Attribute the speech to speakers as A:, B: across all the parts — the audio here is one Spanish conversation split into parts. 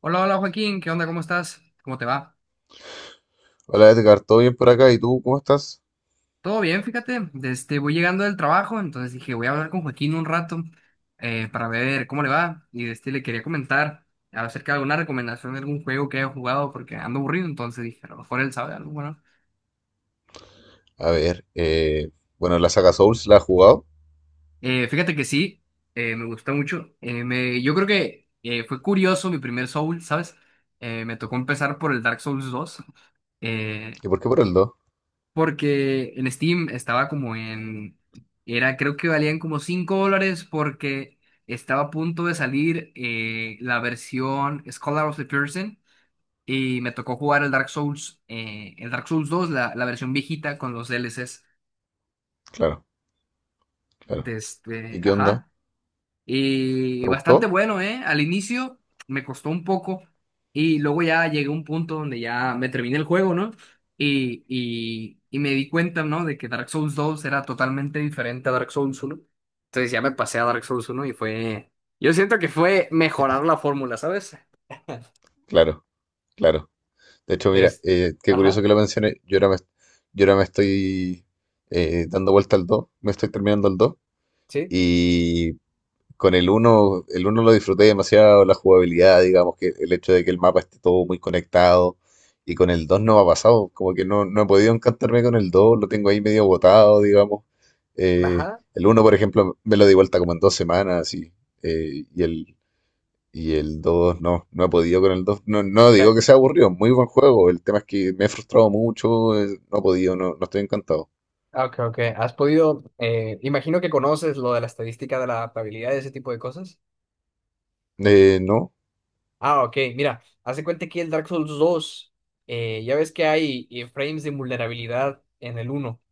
A: Hola, hola Joaquín, ¿qué onda? ¿Cómo estás? ¿Cómo te va?
B: Hola Edgar, ¿todo bien por acá? ¿Y tú cómo estás?
A: Todo bien, fíjate. Voy llegando del trabajo, entonces dije, voy a hablar con Joaquín un rato para ver cómo le va. Y le quería comentar acerca de alguna recomendación de algún juego que haya jugado porque ando aburrido, entonces dije, a lo mejor él sabe algo, bueno.
B: A ver, bueno, la saga Souls la has jugado.
A: Fíjate que sí, me gustó mucho. Yo creo que fue curioso mi primer Soul, ¿sabes? Me tocó empezar por el Dark Souls dos. eh,
B: ¿Y por qué por el dos?
A: Porque en Steam estaba creo que valían como 5 dólares porque estaba a punto de salir la versión Scholar of the Person y me tocó jugar el Dark Souls 2, la versión viejita con los DLCs.
B: Claro, claro. ¿Y qué onda?
A: Ajá. Y
B: ¿Te
A: bastante
B: gustó?
A: bueno, ¿eh? Al inicio me costó un poco y luego ya llegué a un punto donde ya me terminé el juego, ¿no? Y me di cuenta, ¿no? De que Dark Souls dos era totalmente diferente a Dark Souls uno. Entonces ya me pasé a Dark Souls uno y fue. Yo siento que fue mejorar la fórmula, ¿sabes?
B: Claro, claro. De hecho, mira,
A: Des-
B: qué curioso que
A: Ajá,
B: lo mencioné. Yo ahora me estoy dando vuelta al 2, me estoy terminando el dos.
A: sí,
B: Y con el uno, lo disfruté demasiado, la jugabilidad, digamos, que el hecho de que el mapa esté todo muy conectado. Y con el 2 no me ha pasado, como que no he podido encantarme con el 2, lo tengo ahí medio botado, digamos. Eh,
A: ajá.
B: el uno, por ejemplo, me lo di vuelta como en 2 semanas eh, y el, y el 2 no he podido con el 2. No, no
A: Ca-
B: digo que sea aburrido, muy buen juego. El tema es que me he frustrado mucho, no he podido, no estoy encantado.
A: Ok, ok. ¿Has podido, imagino que conoces lo de la estadística de la adaptabilidad y ese tipo de cosas?
B: No,
A: Ah, ok, mira, hace cuenta que el Dark Souls dos, ya ves que hay frames de vulnerabilidad en el uno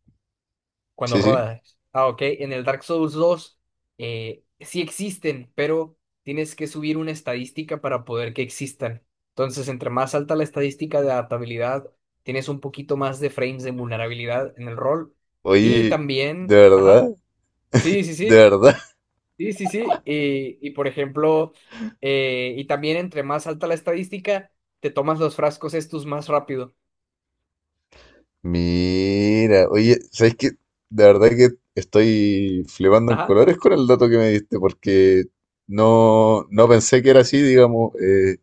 A: cuando
B: sí, sí.
A: rodas. Ah, ok, en el Dark Souls dos, sí existen, pero tienes que subir una estadística para poder que existan. Entonces, entre más alta la estadística de adaptabilidad, tienes un poquito más de frames de vulnerabilidad en el rol. Y
B: Oye, de
A: también, ajá,
B: verdad,
A: sí, sí,
B: de
A: sí.
B: verdad.
A: Sí, sí, sí. Y por ejemplo, y también entre más alta la estadística, te tomas los frascos estos más rápido.
B: Mira, oye, ¿sabes qué? De verdad que estoy flipando en
A: Ajá,
B: colores con el dato que me diste, porque no pensé que era así, digamos,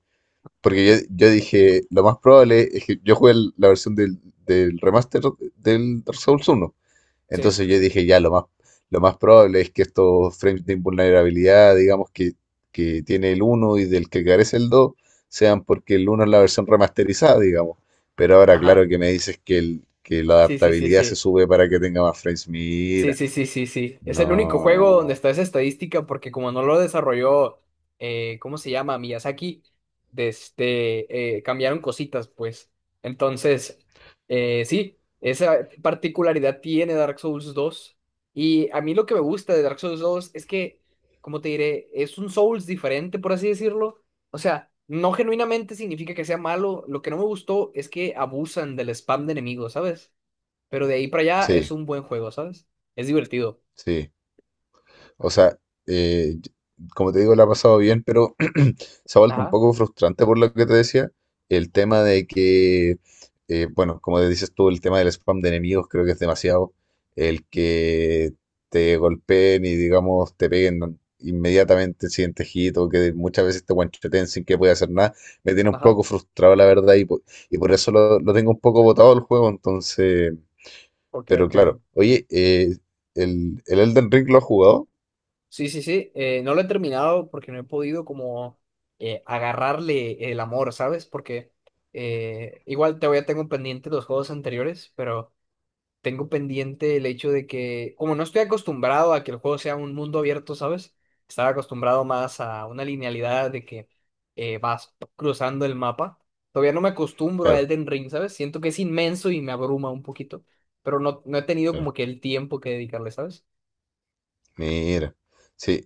B: porque yo dije, lo más probable es que yo jugué la versión del remaster del Dark Souls 1,
A: sí.
B: entonces yo dije, ya, lo más probable es que estos frames de invulnerabilidad, digamos que tiene el uno y del que carece el 2 sean porque el uno es la versión remasterizada, digamos. Pero ahora,
A: Ajá.
B: claro que me dices que la
A: Sí, sí, sí,
B: adaptabilidad se
A: sí.
B: sube para que tenga más frames.
A: Sí,
B: Mira,
A: sí, sí, sí, sí. Es el único juego donde
B: no.
A: está esa estadística porque como no lo desarrolló, ¿cómo se llama? Miyazaki, cambiaron cositas, pues. Entonces, sí, esa particularidad tiene Dark Souls dos. Y a mí lo que me gusta de Dark Souls dos es que, como te diré, es un Souls diferente, por así decirlo. O sea, no genuinamente significa que sea malo. Lo que no me gustó es que abusan del spam de enemigos, ¿sabes? Pero de ahí para allá es
B: Sí,
A: un buen juego, ¿sabes? Es divertido.
B: sí. O sea, eh, como te digo, la ha pasado bien, pero se ha vuelto un
A: Ajá,
B: poco frustrante por lo que te decía, el tema de que, bueno, como te dices tú, el tema del spam de enemigos creo que es demasiado, el que te golpeen y digamos te peguen inmediatamente el siguiente hit o que muchas veces te guancheten sin que pueda hacer nada, me tiene un
A: ajá.
B: poco frustrado la verdad y por eso lo tengo un poco botado el juego, entonces,
A: Ok,
B: pero
A: ok.
B: claro, oye, ¿el Elden Ring lo has jugado?
A: Sí, sí, sí. No lo he terminado porque no he podido como agarrarle el amor, ¿sabes? Porque igual te voy a tengo pendiente los juegos anteriores, pero tengo pendiente el hecho de que, como no estoy acostumbrado a que el juego sea un mundo abierto, ¿sabes? Estaba acostumbrado más a una linealidad de que vas cruzando el mapa. Todavía no me acostumbro a
B: Claro,
A: Elden Ring, ¿sabes? Siento que es inmenso y me abruma un poquito, pero no, no he tenido
B: claro.
A: como que el tiempo que dedicarle, ¿sabes?
B: Mira, sí,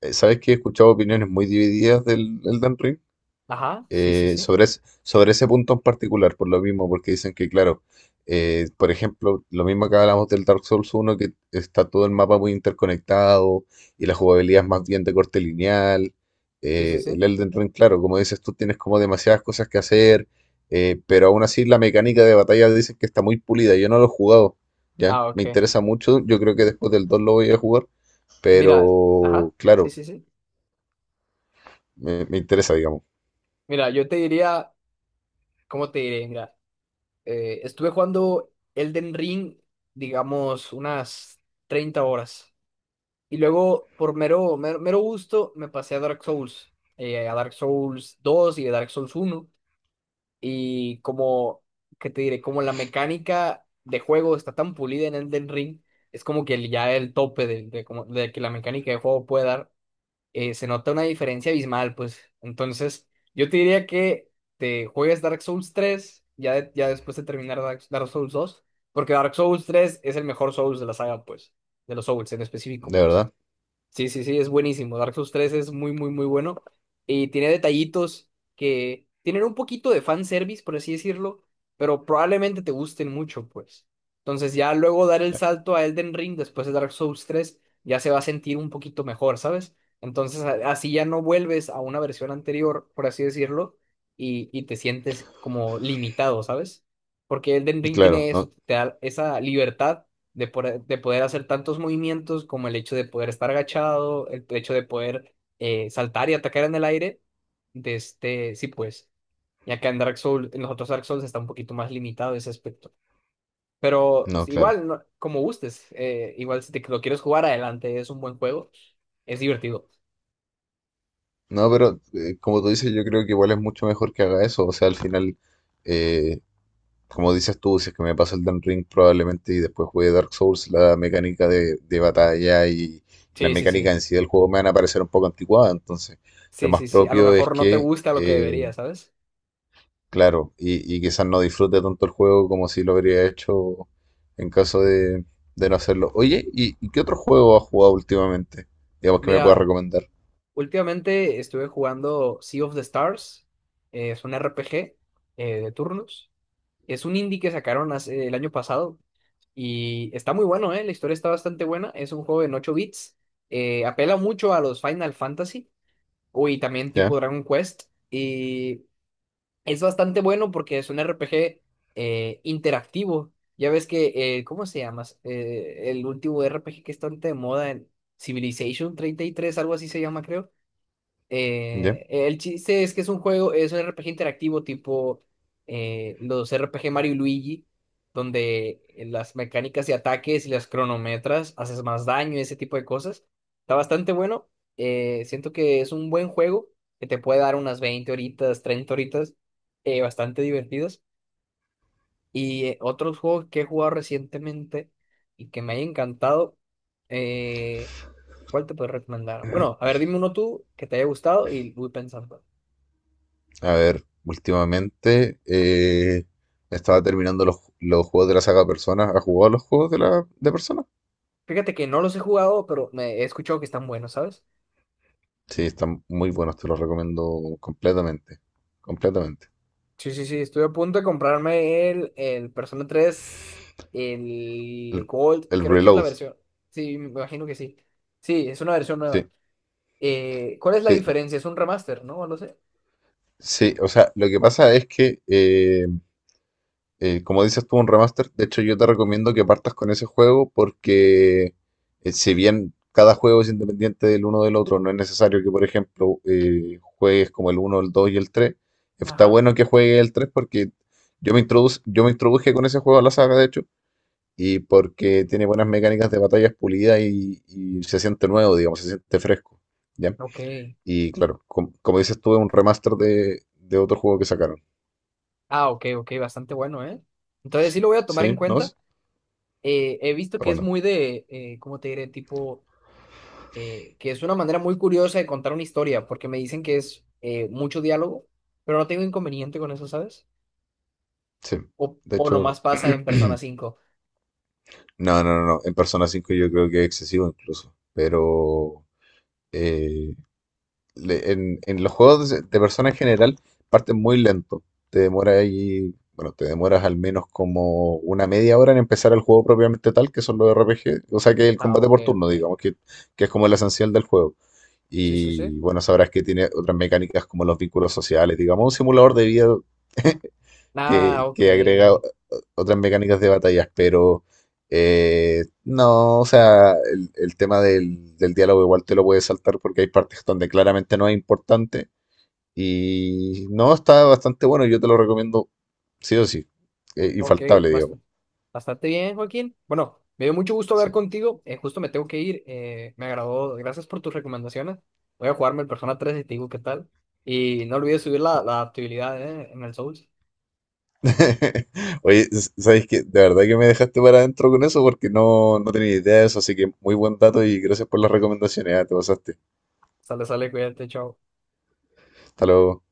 B: sabes que he escuchado opiniones muy divididas del Elden Ring
A: Ajá, sí, sí,
B: eh,
A: sí.
B: sobre, es- sobre ese punto en particular, por lo mismo, porque dicen que, claro, por ejemplo, lo mismo que hablamos del Dark Souls 1 que está todo el mapa muy interconectado y la jugabilidad es más bien de corte lineal.
A: Sí, sí, sí.
B: El Elden Ring, claro, como dices tú, tienes como demasiadas cosas que hacer, pero aún así la mecánica de batalla dicen que está muy pulida. Yo no lo he jugado, ¿ya?
A: Ah,
B: Me
A: ok.
B: interesa mucho, yo creo que después del 2 lo voy a jugar
A: Mira, ajá,
B: pero,
A: sí,
B: claro,
A: sí, sí.
B: me interesa, digamos,
A: Mira, yo te diría, ¿cómo te diré? Mira. Estuve jugando Elden Ring, digamos, unas 30 horas. Y luego, por mero, mero, mero gusto, me pasé a Dark Souls, a Dark Souls dos y a Dark Souls uno. Y como, ¿qué te diré? Como la mecánica de juego está tan pulida en Elden Ring, es como que ya el tope de de que la mecánica de juego puede dar se nota una diferencia abismal, pues. Entonces, yo te diría que te juegues Dark Souls tres ya, ya después de terminar Dark Souls dos, porque Dark Souls tres es el mejor Souls de la saga, pues, de los Souls en específico,
B: de
A: pues.
B: verdad.
A: Sí, sí, sí, es buenísimo. Dark Souls tres es muy, muy, muy bueno. Y tiene detallitos que tienen un poquito de fanservice, por así decirlo, pero probablemente te gusten mucho, pues. Entonces ya luego dar el salto a Elden Ring después de Dark Souls tres ya se va a sentir un poquito mejor, ¿sabes? Entonces así ya no vuelves a una versión anterior, por así decirlo, y te sientes como limitado, ¿sabes? Porque Elden Ring
B: Claro,
A: tiene eso,
B: no,
A: te da esa libertad de poder hacer tantos movimientos como el hecho de poder estar agachado, el hecho de poder saltar y atacar en el aire. De este, sí, pues, ya que en Dark Souls, en los otros Dark Souls está un poquito más limitado ese aspecto. Pero
B: no,
A: es
B: claro.
A: igual, como gustes, igual si te lo quieres jugar adelante, es un buen juego, es divertido.
B: No, pero como tú dices, yo creo que igual es mucho mejor que haga eso. O sea, al final, eh, como dices tú, si es que me paso el Dan Ring probablemente y después juegue Dark Souls, la mecánica de batalla y, la
A: Sí, sí,
B: mecánica
A: sí.
B: en sí del juego me van a parecer un poco anticuada. Entonces, lo
A: Sí,
B: más
A: sí, sí. A lo
B: propio es
A: mejor no te
B: que
A: gusta lo que
B: eh,
A: debería, ¿sabes?
B: Claro, y quizás no disfrute tanto el juego como si lo habría hecho en caso de no hacerlo. Oye, ¿y qué otro juego has jugado últimamente? Digamos que me
A: Mira,
B: puedas recomendar.
A: últimamente estuve jugando Sea of the Stars. Es un RPG de turnos. Es un indie que sacaron el año pasado y está muy bueno, ¿eh? La historia está bastante buena. Es un juego en 8 bits. Apela mucho a los Final Fantasy o y también
B: Ya,
A: tipo Dragon Quest. Y es bastante bueno porque es un RPG interactivo. Ya ves que, ¿cómo se llama? El último RPG que está bastante de moda en Civilization 33 algo así se llama, creo.
B: ya.
A: El chiste es que es un R P G interactivo tipo los R P G Mario y Luigi, donde las mecánicas de ataques y las cronometras haces más daño, y ese tipo de cosas. Está bastante bueno. Siento que es un buen juego que te puede dar unas 20 horitas, 30 horitas, bastante divertidas. Y otros juegos que he jugado recientemente y que me haya encantado, eh, ¿cuál te puedo recomendar? Bueno, a ver, dime uno tú que te haya gustado y voy pensando.
B: A ver, últimamente estaba terminando los juegos de la saga Persona. ¿Has jugado los juegos de Persona?
A: Fíjate que no los he jugado, pero me he escuchado que están buenos, ¿sabes?
B: Sí, están muy buenos, te los recomiendo completamente. Completamente.
A: Sí, sí, sí, estoy a punto de comprarme el Persona tres
B: El,
A: el Gold,
B: el
A: creo que es la
B: Reload.
A: versión. Sí, me imagino que sí. Sí, es una versión nueva.
B: Sí,
A: ¿Cuál es la
B: sí,
A: diferencia? Es un remaster, ¿no? No sé.
B: sí. O sea, lo que pasa es que como dices tú, un remaster. De hecho, yo te recomiendo que partas con ese juego porque si bien cada juego es independiente del uno del otro, no es necesario que, por ejemplo, juegues como el uno, el 2 y el 3. Está
A: Ajá.
B: bueno que juegues el 3 porque yo me introduje con ese juego a la saga, de hecho, y porque tiene buenas mecánicas de batallas pulidas y se siente nuevo, digamos, se siente fresco. ¿Ya?
A: Ok.
B: Y claro, como dices tú, es un remaster de otro juego que sacaron.
A: Ah, ok, ok, bastante bueno, ¿eh? Entonces sí lo voy a tomar en
B: ¿Sí? ¿No?
A: cuenta.
B: Está
A: He visto que es
B: bueno,
A: muy de, ¿cómo te diré? Tipo. Que es una manera muy curiosa de contar una historia, porque me dicen que es mucho diálogo, pero no tengo inconveniente con eso, ¿sabes?
B: sí.
A: O,
B: De
A: o nomás
B: hecho,
A: pasa en Persona cinco.
B: no, no, no, no. En Persona 5 yo creo que es excesivo incluso. Pero eh, en los juegos de Persona en general parten muy lento. Te demora ahí, bueno, te demoras al menos como una media hora en empezar el juego propiamente tal, que son los RPG, o sea, que el
A: Ah,
B: combate
A: ok,
B: por turno,
A: ok.
B: digamos, que es como el esencial del juego.
A: Sí, sí, sí.
B: Y bueno, sabrás que tiene otras mecánicas como los vínculos sociales, digamos, un simulador de vida
A: Ah,
B: que,
A: ok.
B: que agrega otras mecánicas de batallas, pero no, o sea, el tema del diálogo igual te lo puedes saltar porque hay partes donde claramente no es importante y no, está bastante bueno, yo te lo recomiendo sí o sí,
A: Ok,
B: infaltable,
A: bast-
B: digamos.
A: bastante bien, Joaquín. Bueno, me dio mucho gusto hablar
B: Sí.
A: contigo. Justo me tengo que ir. Me agradó. Gracias por tus recomendaciones. Voy a jugarme el Persona tres y te digo qué tal. Y no olvides subir la adaptabilidad, en el Souls.
B: Oye, ¿sabes qué? De verdad que me dejaste para adentro con eso porque no tenía idea de eso, así que muy buen dato y gracias por las recomendaciones, ah, te pasaste.
A: Sale, sale, cuídate, chao.
B: Hasta luego.